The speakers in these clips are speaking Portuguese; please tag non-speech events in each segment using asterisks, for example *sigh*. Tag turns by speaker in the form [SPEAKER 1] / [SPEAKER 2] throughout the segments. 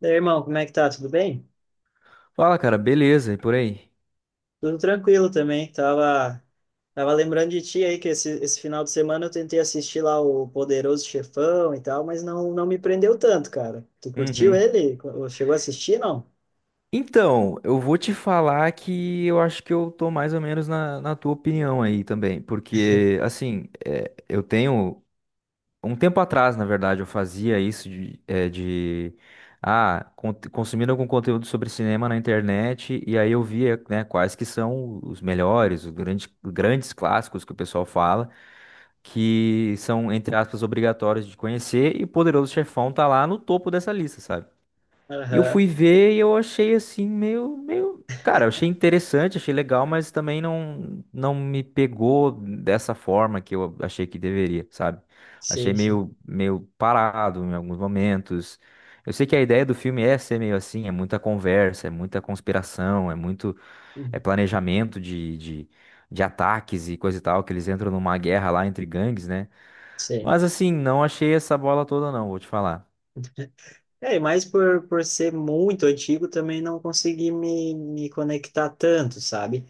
[SPEAKER 1] Daí, irmão, como é que tá? Tudo bem?
[SPEAKER 2] Fala, cara, beleza? E por aí?
[SPEAKER 1] Tudo tranquilo também. Tava lembrando de ti aí que esse final de semana eu tentei assistir lá o Poderoso Chefão e tal, mas não me prendeu tanto, cara. Tu curtiu
[SPEAKER 2] Uhum.
[SPEAKER 1] ele? Chegou a assistir, não?
[SPEAKER 2] Então, eu vou te falar que eu acho que eu tô mais ou menos na tua opinião aí também, porque, assim, eu tenho. Um tempo atrás, na verdade, eu fazia isso de consumindo algum conteúdo sobre cinema na internet, e aí eu via, né, quais que são os melhores, os grandes clássicos que o pessoal fala, que são, entre aspas, obrigatórios de conhecer, e Poderoso Chefão tá lá no topo dessa lista, sabe? E eu
[SPEAKER 1] Aham.
[SPEAKER 2] fui ver e eu achei assim, meio. Cara, eu achei interessante, achei legal, mas também não me pegou dessa forma que eu achei que deveria, sabe? Achei
[SPEAKER 1] Sim, sim.
[SPEAKER 2] meio parado em alguns momentos. Eu sei que a ideia do filme é ser meio assim, é muita conversa, é muita conspiração, é muito, é
[SPEAKER 1] Uhum.
[SPEAKER 2] planejamento de ataques e coisa e tal, que eles entram numa guerra lá entre gangues, né?
[SPEAKER 1] Sim.
[SPEAKER 2] Mas assim, não achei essa bola toda não, vou te falar.
[SPEAKER 1] É, e mais por, ser muito antigo também não consegui me conectar tanto, sabe?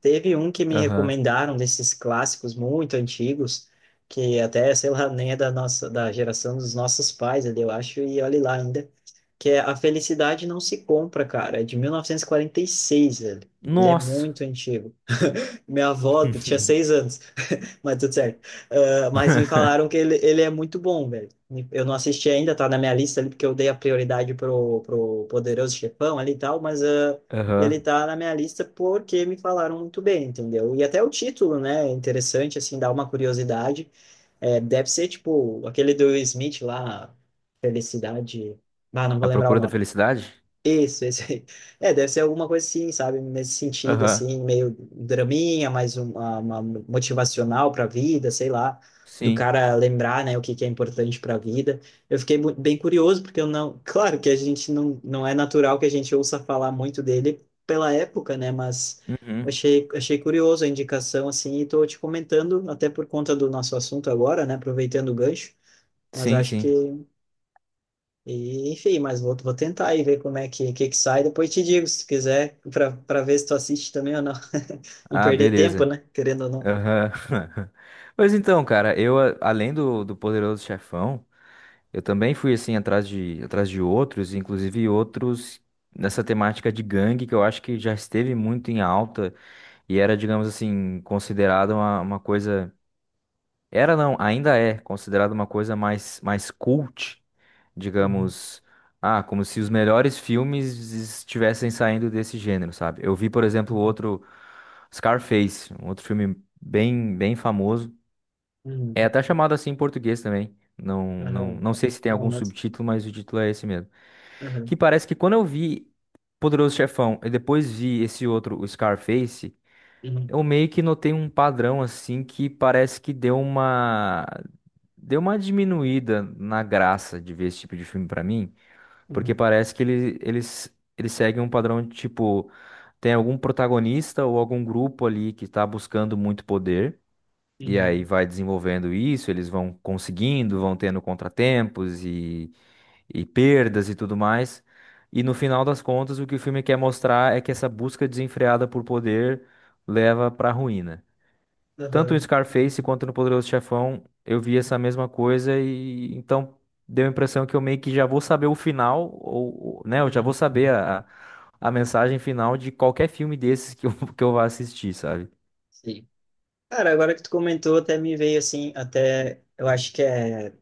[SPEAKER 1] Teve um que me
[SPEAKER 2] Aham.
[SPEAKER 1] recomendaram desses clássicos muito antigos, que até, sei lá, nem é da nossa, da geração dos nossos pais ali, eu acho, e olhe lá ainda, que é A Felicidade Não Se Compra, cara, é de 1946, ele é
[SPEAKER 2] Nossa.
[SPEAKER 1] muito antigo. Minha avó tinha
[SPEAKER 2] *laughs*
[SPEAKER 1] 6 anos, mas tudo certo. Ah, mas me falaram que
[SPEAKER 2] *laughs*
[SPEAKER 1] ele é muito bom, velho. Eu não assisti ainda, tá na minha lista ali, porque eu dei a prioridade pro Poderoso Chefão ali e tal, mas ele
[SPEAKER 2] Aham.
[SPEAKER 1] tá na minha lista porque me falaram muito bem, entendeu? E até o título, né? É interessante, assim, dá uma curiosidade. É, deve ser, tipo, aquele do Will Smith lá, Felicidade. Ah, não
[SPEAKER 2] A
[SPEAKER 1] vou lembrar o
[SPEAKER 2] procura da
[SPEAKER 1] nome.
[SPEAKER 2] felicidade?
[SPEAKER 1] Isso, esse aí. É, deve ser alguma coisa assim, sabe? Nesse sentido,
[SPEAKER 2] Aham.
[SPEAKER 1] assim, meio draminha, mais uma, motivacional para a vida, sei lá, do
[SPEAKER 2] Sim.
[SPEAKER 1] cara lembrar, né, o que que é importante para a vida. Eu fiquei bem curioso, porque eu não. *laughs* Claro que a gente não é natural que a gente ouça falar muito dele pela época, né? Mas eu
[SPEAKER 2] Uhum.
[SPEAKER 1] achei curioso a indicação, assim, e tô te comentando, até por conta do nosso assunto agora, né? Aproveitando o gancho, mas
[SPEAKER 2] Sim,
[SPEAKER 1] acho
[SPEAKER 2] sim.
[SPEAKER 1] que enfim, mas vou tentar e ver como é que sai. Depois te digo, se quiser, para ver se tu assiste também ou não. *laughs* Não
[SPEAKER 2] Ah,
[SPEAKER 1] perder tempo,
[SPEAKER 2] beleza.
[SPEAKER 1] né? Querendo ou não.
[SPEAKER 2] Aham. *laughs* Pois então, cara, além do Poderoso Chefão, eu também fui, assim, atrás de outros, inclusive outros nessa temática de gangue, que eu acho que já esteve muito em alta e era, digamos assim, considerada uma coisa. Era não, ainda é considerado uma coisa mais cult,
[SPEAKER 1] Uhum,
[SPEAKER 2] digamos, ah, como se os melhores filmes estivessem saindo desse gênero, sabe? Eu vi, por exemplo,
[SPEAKER 1] uhum,
[SPEAKER 2] outro Scarface, um outro filme bem famoso. É
[SPEAKER 1] uhum,
[SPEAKER 2] até chamado assim em português também. Não,
[SPEAKER 1] aham.
[SPEAKER 2] não sei se tem
[SPEAKER 1] Não,
[SPEAKER 2] algum
[SPEAKER 1] moto.
[SPEAKER 2] subtítulo, mas o título é esse mesmo.
[SPEAKER 1] Aham,
[SPEAKER 2] Que parece que quando eu vi Poderoso Chefão e depois vi esse outro, o Scarface,
[SPEAKER 1] uhum,
[SPEAKER 2] eu meio que notei um padrão assim que parece que deu uma. Deu uma diminuída na graça de ver esse tipo de filme pra mim, porque
[SPEAKER 1] uhum,
[SPEAKER 2] parece que eles seguem um padrão de tipo, tem algum protagonista ou algum grupo ali que tá buscando muito poder, e aí
[SPEAKER 1] uhum,
[SPEAKER 2] vai desenvolvendo isso, eles vão conseguindo, vão tendo contratempos e perdas e tudo mais. E no final das contas, o que o filme quer mostrar é que essa busca desenfreada por poder leva pra ruína. Tanto no
[SPEAKER 1] aham,
[SPEAKER 2] Scarface
[SPEAKER 1] uhum,
[SPEAKER 2] quanto no Poderoso Chefão, eu vi essa mesma coisa e então deu a impressão que eu meio que já vou saber o final, ou né, eu já vou
[SPEAKER 1] uhum.
[SPEAKER 2] saber
[SPEAKER 1] Uhum.
[SPEAKER 2] a mensagem final de qualquer filme desses que eu, *laughs* que eu vá assistir, sabe?
[SPEAKER 1] Sim. Cara, agora que tu comentou, até me veio assim, até eu acho que é.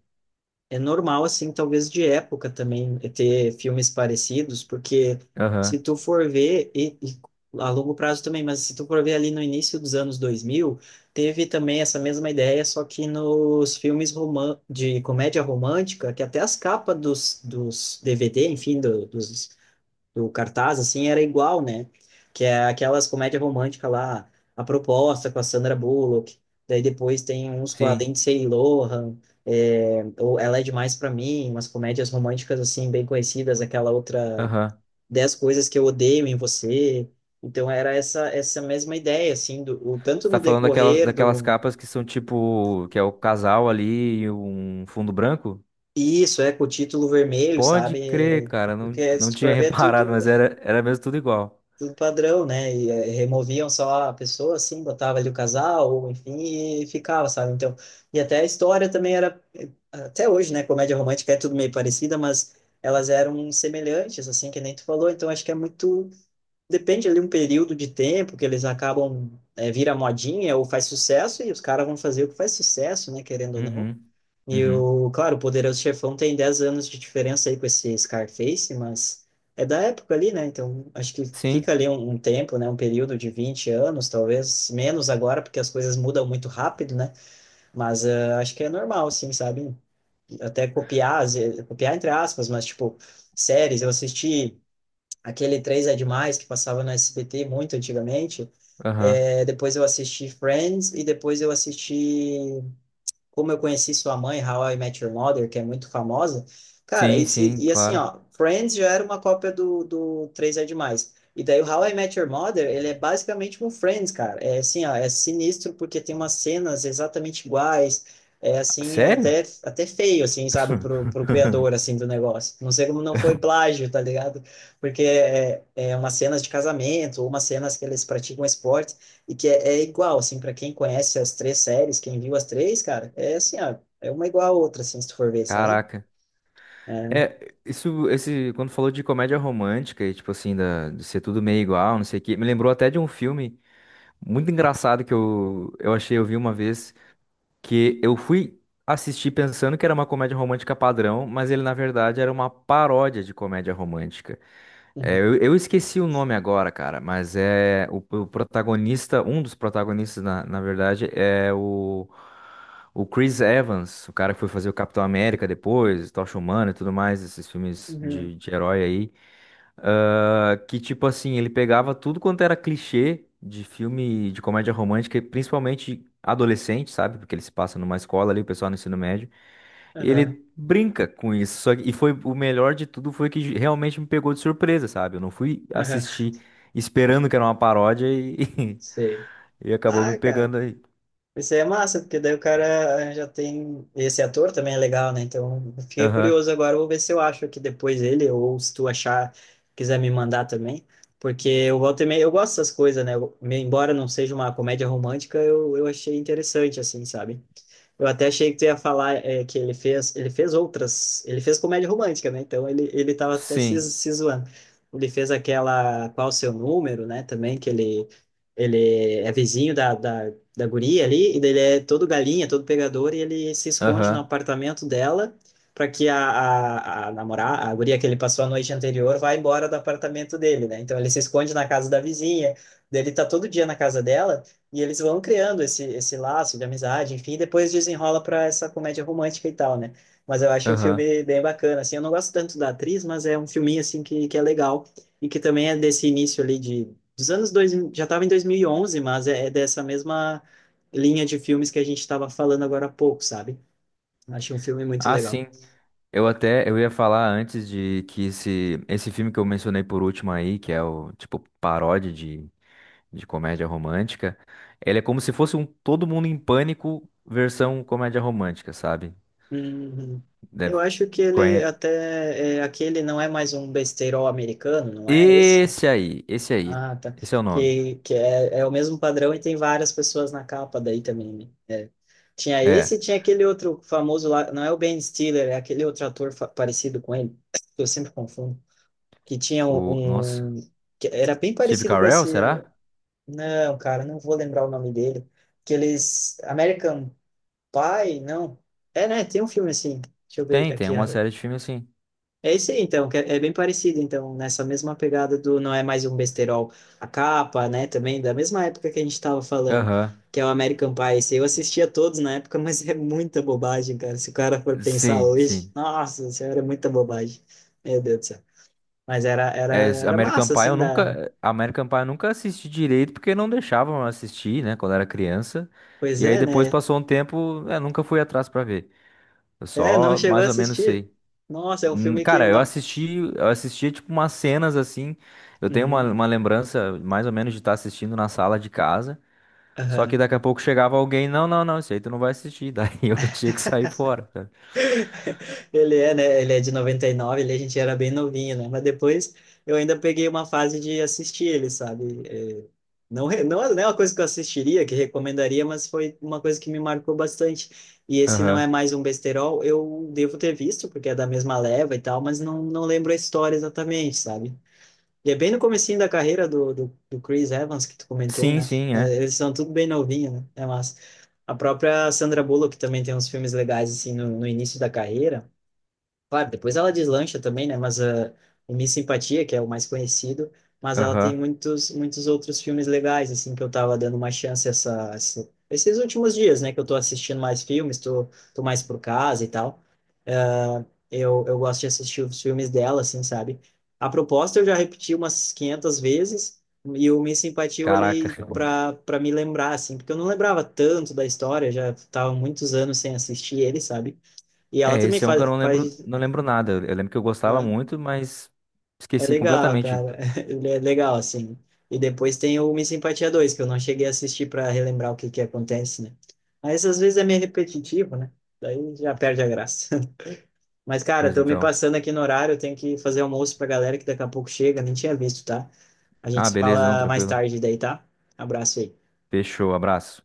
[SPEAKER 1] É normal, assim, talvez de época também, ter filmes parecidos, porque se
[SPEAKER 2] Aham,
[SPEAKER 1] tu for ver, e a longo prazo também, mas se tu for ver ali no início dos anos 2000, teve também essa mesma ideia, só que nos filmes roman de comédia romântica, que até as capas dos, DVD, enfim, do- dos do cartaz, assim, era igual, né? Que é aquelas comédias românticas lá, A Proposta com a Sandra Bullock, daí depois tem uns com a
[SPEAKER 2] sim,
[SPEAKER 1] Lindsay Lohan, é, ou Ela é Demais para Mim, umas comédias românticas, assim, bem conhecidas, aquela outra
[SPEAKER 2] aham.
[SPEAKER 1] Dez Coisas que Eu Odeio em Você. Então era essa mesma ideia, assim, do, o,
[SPEAKER 2] Você
[SPEAKER 1] tanto no
[SPEAKER 2] tá falando
[SPEAKER 1] decorrer
[SPEAKER 2] daquelas
[SPEAKER 1] do...
[SPEAKER 2] capas que são tipo, que é o casal ali e um fundo branco?
[SPEAKER 1] Isso, é, com o título vermelho,
[SPEAKER 2] Pode
[SPEAKER 1] sabe?
[SPEAKER 2] crer,
[SPEAKER 1] É.
[SPEAKER 2] cara,
[SPEAKER 1] Porque
[SPEAKER 2] não
[SPEAKER 1] se tu
[SPEAKER 2] tinha *laughs*
[SPEAKER 1] for ver, é tudo
[SPEAKER 2] reparado, mas era mesmo tudo igual.
[SPEAKER 1] do padrão, né? E removiam só a pessoa, assim, botava ali o casal, ou enfim, e ficava, sabe? Então, e até a história também era, até hoje, né? Comédia romântica é tudo meio parecida, mas elas eram semelhantes, assim, que nem tu falou. Então, acho que é muito, depende ali um período de tempo que eles acabam vira modinha ou faz sucesso e os caras vão fazer o que faz sucesso, né? Querendo ou não.
[SPEAKER 2] Uhum,
[SPEAKER 1] E
[SPEAKER 2] uhum.
[SPEAKER 1] o, claro, o Poderoso Chefão tem 10 anos de diferença aí com esse Scarface, mas é da época ali, né? Então, acho que
[SPEAKER 2] Sim,
[SPEAKER 1] fica ali um tempo, né? Um período de 20 anos, talvez menos agora, porque as coisas mudam muito rápido, né? Mas ah, acho que é normal, sim, sabe? Até copiar, às vezes- copiar entre aspas, mas tipo, séries, eu assisti aquele Três é Demais que passava no SBT muito antigamente.
[SPEAKER 2] aham.
[SPEAKER 1] É, depois eu assisti Friends e depois eu assisti como Eu Conheci Sua Mãe, How I Met Your Mother, que é muito famosa. Cara,
[SPEAKER 2] Sim,
[SPEAKER 1] e,
[SPEAKER 2] sim,
[SPEAKER 1] e assim,
[SPEAKER 2] claro.
[SPEAKER 1] ó, Friends já era uma cópia do Três é Demais. E daí o How I Met Your Mother, ele é basicamente um Friends, cara. É assim, ó, é sinistro porque tem umas cenas exatamente iguais. É assim, é
[SPEAKER 2] Sério?
[SPEAKER 1] até feio, assim, sabe, pro criador,
[SPEAKER 2] *laughs*
[SPEAKER 1] assim, do negócio. Não sei como não foi plágio, tá ligado? Porque é umas cenas de casamento, ou umas cenas que eles praticam esporte, e que é igual, assim, para quem conhece as três séries, quem viu as três, cara, é assim, ó, é uma igual a outra, assim, se tu for ver, sabe?
[SPEAKER 2] Caraca.
[SPEAKER 1] É.
[SPEAKER 2] É, isso, esse, quando falou de comédia romântica e, tipo assim, da, de ser tudo meio igual, não sei o quê, me lembrou até de um filme muito engraçado que eu achei, eu vi uma vez, que eu fui assistir pensando que era uma comédia romântica padrão, mas ele na verdade era uma paródia de comédia romântica. É,
[SPEAKER 1] Uhum.
[SPEAKER 2] eu esqueci o nome agora, cara, mas é o protagonista, um dos protagonistas na, na verdade é o Chris Evans, o cara que foi fazer o Capitão América depois, Tocha Humana e tudo mais, esses filmes
[SPEAKER 1] Uhum.
[SPEAKER 2] de herói aí. Ah, que tipo assim, ele pegava tudo quanto era clichê de filme de comédia romântica, e principalmente adolescente, sabe? Porque ele se passa numa escola ali, o pessoal no ensino médio. E
[SPEAKER 1] Aham.
[SPEAKER 2] ele brinca com isso. E foi o melhor de tudo foi que realmente me pegou de surpresa, sabe? Eu não fui
[SPEAKER 1] Aham.
[SPEAKER 2] assistir esperando que era uma paródia e,
[SPEAKER 1] Sei.
[SPEAKER 2] *laughs* e acabou me
[SPEAKER 1] Ah, cara,
[SPEAKER 2] pegando aí.
[SPEAKER 1] isso aí é massa, porque daí o cara já tem. Esse ator também é legal, né? Então, eu fiquei
[SPEAKER 2] Aham.
[SPEAKER 1] curioso agora, eu vou ver se eu acho aqui depois ele, ou se tu achar, quiser me mandar também. Porque eu volto e meia, eu gosto dessas coisas, né? Embora não seja uma comédia romântica, eu achei interessante, assim, sabe? Eu até achei que tu ia falar é, que ele fez outras, ele fez comédia romântica, né? Então ele tava até se,
[SPEAKER 2] Sim.
[SPEAKER 1] se zoando. Ele fez aquela Qual o Seu Número, né? Também que ele é vizinho da guria ali, e daí ele é todo galinha, todo pegador, e ele se esconde no
[SPEAKER 2] Aham.
[SPEAKER 1] apartamento dela para que a namorada, a guria que ele passou a noite anterior, vá embora do apartamento dele, né? Então ele se esconde na casa da vizinha, daí ele tá todo dia na casa dela. E eles vão criando esse laço de amizade, enfim, e depois desenrola para essa comédia romântica e tal, né? Mas eu acho o
[SPEAKER 2] Aham.
[SPEAKER 1] filme bem bacana, assim, eu não gosto tanto da atriz, mas é um filminho, assim, que é legal, e que também é desse início ali de, dos anos 2000, já estava em 2011 mas é dessa mesma linha de filmes que a gente estava falando agora há pouco, sabe? Acho um filme muito
[SPEAKER 2] Ah,
[SPEAKER 1] legal.
[SPEAKER 2] sim. Eu até eu ia falar antes de que esse filme que eu mencionei por último aí, que é o tipo paródia de comédia romântica, ele é como se fosse um Todo Mundo em Pânico versão comédia romântica, sabe?
[SPEAKER 1] Uhum.
[SPEAKER 2] Deve
[SPEAKER 1] Eu acho que ele
[SPEAKER 2] conhe...
[SPEAKER 1] até, é, aquele não é mais um besteirol americano, não é esse?
[SPEAKER 2] Esse aí, esse aí.
[SPEAKER 1] Ah, tá.
[SPEAKER 2] Esse é o nome.
[SPEAKER 1] Que é o mesmo padrão e tem várias pessoas na capa daí também, né? É. Tinha esse
[SPEAKER 2] É,
[SPEAKER 1] e tinha aquele outro famoso lá, não é o Ben Stiller, é aquele outro ator parecido com ele, *tsk* que eu sempre confundo, que tinha
[SPEAKER 2] o nossa,
[SPEAKER 1] que era bem
[SPEAKER 2] Steve
[SPEAKER 1] parecido com
[SPEAKER 2] Carell, será?
[SPEAKER 1] esse, não, cara, não vou lembrar o nome dele, aqueles American Pie, não, é, né, tem um filme assim, deixa eu ver
[SPEAKER 2] Tem, tem
[SPEAKER 1] aqui,
[SPEAKER 2] uma série de filme assim.
[SPEAKER 1] é isso aí, então, que é bem parecido, então, nessa mesma pegada do Não É Mais Um Besterol, a capa, né, também, da mesma época que a gente estava falando,
[SPEAKER 2] Aham.
[SPEAKER 1] que é o American Pie, esse eu assistia todos na época, *laughs* mas é muita bobagem, cara, se o cara for pensar
[SPEAKER 2] Sim,
[SPEAKER 1] hoje,
[SPEAKER 2] sim.
[SPEAKER 1] nossa senhora, é muita bobagem, meu Deus do céu, mas
[SPEAKER 2] É,
[SPEAKER 1] era massa, assim, da...
[SPEAKER 2] American Pie eu nunca assisti direito porque não deixavam eu assistir, né, quando era criança.
[SPEAKER 1] Pois
[SPEAKER 2] E aí
[SPEAKER 1] é,
[SPEAKER 2] depois
[SPEAKER 1] né,
[SPEAKER 2] passou um tempo, eu nunca fui atrás pra ver. Eu
[SPEAKER 1] é, não
[SPEAKER 2] só
[SPEAKER 1] chegou a
[SPEAKER 2] mais ou menos
[SPEAKER 1] assistir,
[SPEAKER 2] sei.
[SPEAKER 1] nossa, é um filme que...
[SPEAKER 2] Cara, eu assistia tipo umas cenas assim. Eu tenho
[SPEAKER 1] Uhum.
[SPEAKER 2] uma lembrança mais ou menos de estar assistindo na sala de casa. Só que
[SPEAKER 1] Aham.
[SPEAKER 2] daqui a pouco chegava alguém, não, isso aí tu não vai assistir. *laughs* Daí eu tinha que sair fora, sabe?
[SPEAKER 1] Ele é, né? Ele é de 99. Ele, a gente era bem novinho, né? Mas depois eu ainda peguei uma fase de assistir ele, sabe? É, não, não, não é uma coisa que eu assistiria, que recomendaria, mas foi uma coisa que me marcou bastante. E esse não é
[SPEAKER 2] Aham.
[SPEAKER 1] mais um besterol, eu devo ter visto, porque é da mesma leva e tal, mas não, não lembro a história exatamente, sabe? E é bem no comecinho da carreira do Chris Evans, que tu comentou,
[SPEAKER 2] Sim,
[SPEAKER 1] né?
[SPEAKER 2] sim,
[SPEAKER 1] É,
[SPEAKER 2] é.
[SPEAKER 1] eles são tudo bem novinho, né? É massa. A própria Sandra Bullock também tem uns filmes legais, assim, no início da carreira. Claro, depois ela deslancha também, né? Mas ah, o Miss Simpatia, que é o mais conhecido, mas ela tem
[SPEAKER 2] Aham.
[SPEAKER 1] muitos outros filmes legais, assim, que eu tava dando uma chance essa, esses últimos dias, né? Que eu tô assistindo mais filmes, tô mais por casa e tal. Ah, eu gosto de assistir os filmes dela, assim, sabe? A proposta eu já repeti umas 500 vezes e o Miss Simpatia eu
[SPEAKER 2] Caraca.
[SPEAKER 1] olhei pra me lembrar, assim, porque eu não lembrava tanto da história, já tava muitos anos sem assistir ele, sabe? E ela
[SPEAKER 2] É,
[SPEAKER 1] também
[SPEAKER 2] esse é um que eu não lembro,
[SPEAKER 1] faz
[SPEAKER 2] não lembro nada. Eu lembro que eu gostava
[SPEAKER 1] é,
[SPEAKER 2] muito, mas
[SPEAKER 1] é
[SPEAKER 2] esqueci
[SPEAKER 1] legal,
[SPEAKER 2] completamente.
[SPEAKER 1] cara. *laughs* Ele é legal, assim. E depois tem o Miss Simpatia 2, que eu não cheguei a assistir para relembrar o que que acontece, né? Mas às vezes é meio repetitivo, né? Daí já perde a graça. *laughs* Mas, cara,
[SPEAKER 2] Pois
[SPEAKER 1] tô me
[SPEAKER 2] então.
[SPEAKER 1] passando aqui no horário, eu tenho que fazer almoço pra galera que daqui a pouco chega, nem tinha visto, tá? A gente
[SPEAKER 2] Ah,
[SPEAKER 1] se
[SPEAKER 2] beleza, não,
[SPEAKER 1] fala mais
[SPEAKER 2] tranquilo.
[SPEAKER 1] tarde daí, tá? Abraço aí.
[SPEAKER 2] Fechou, abraço.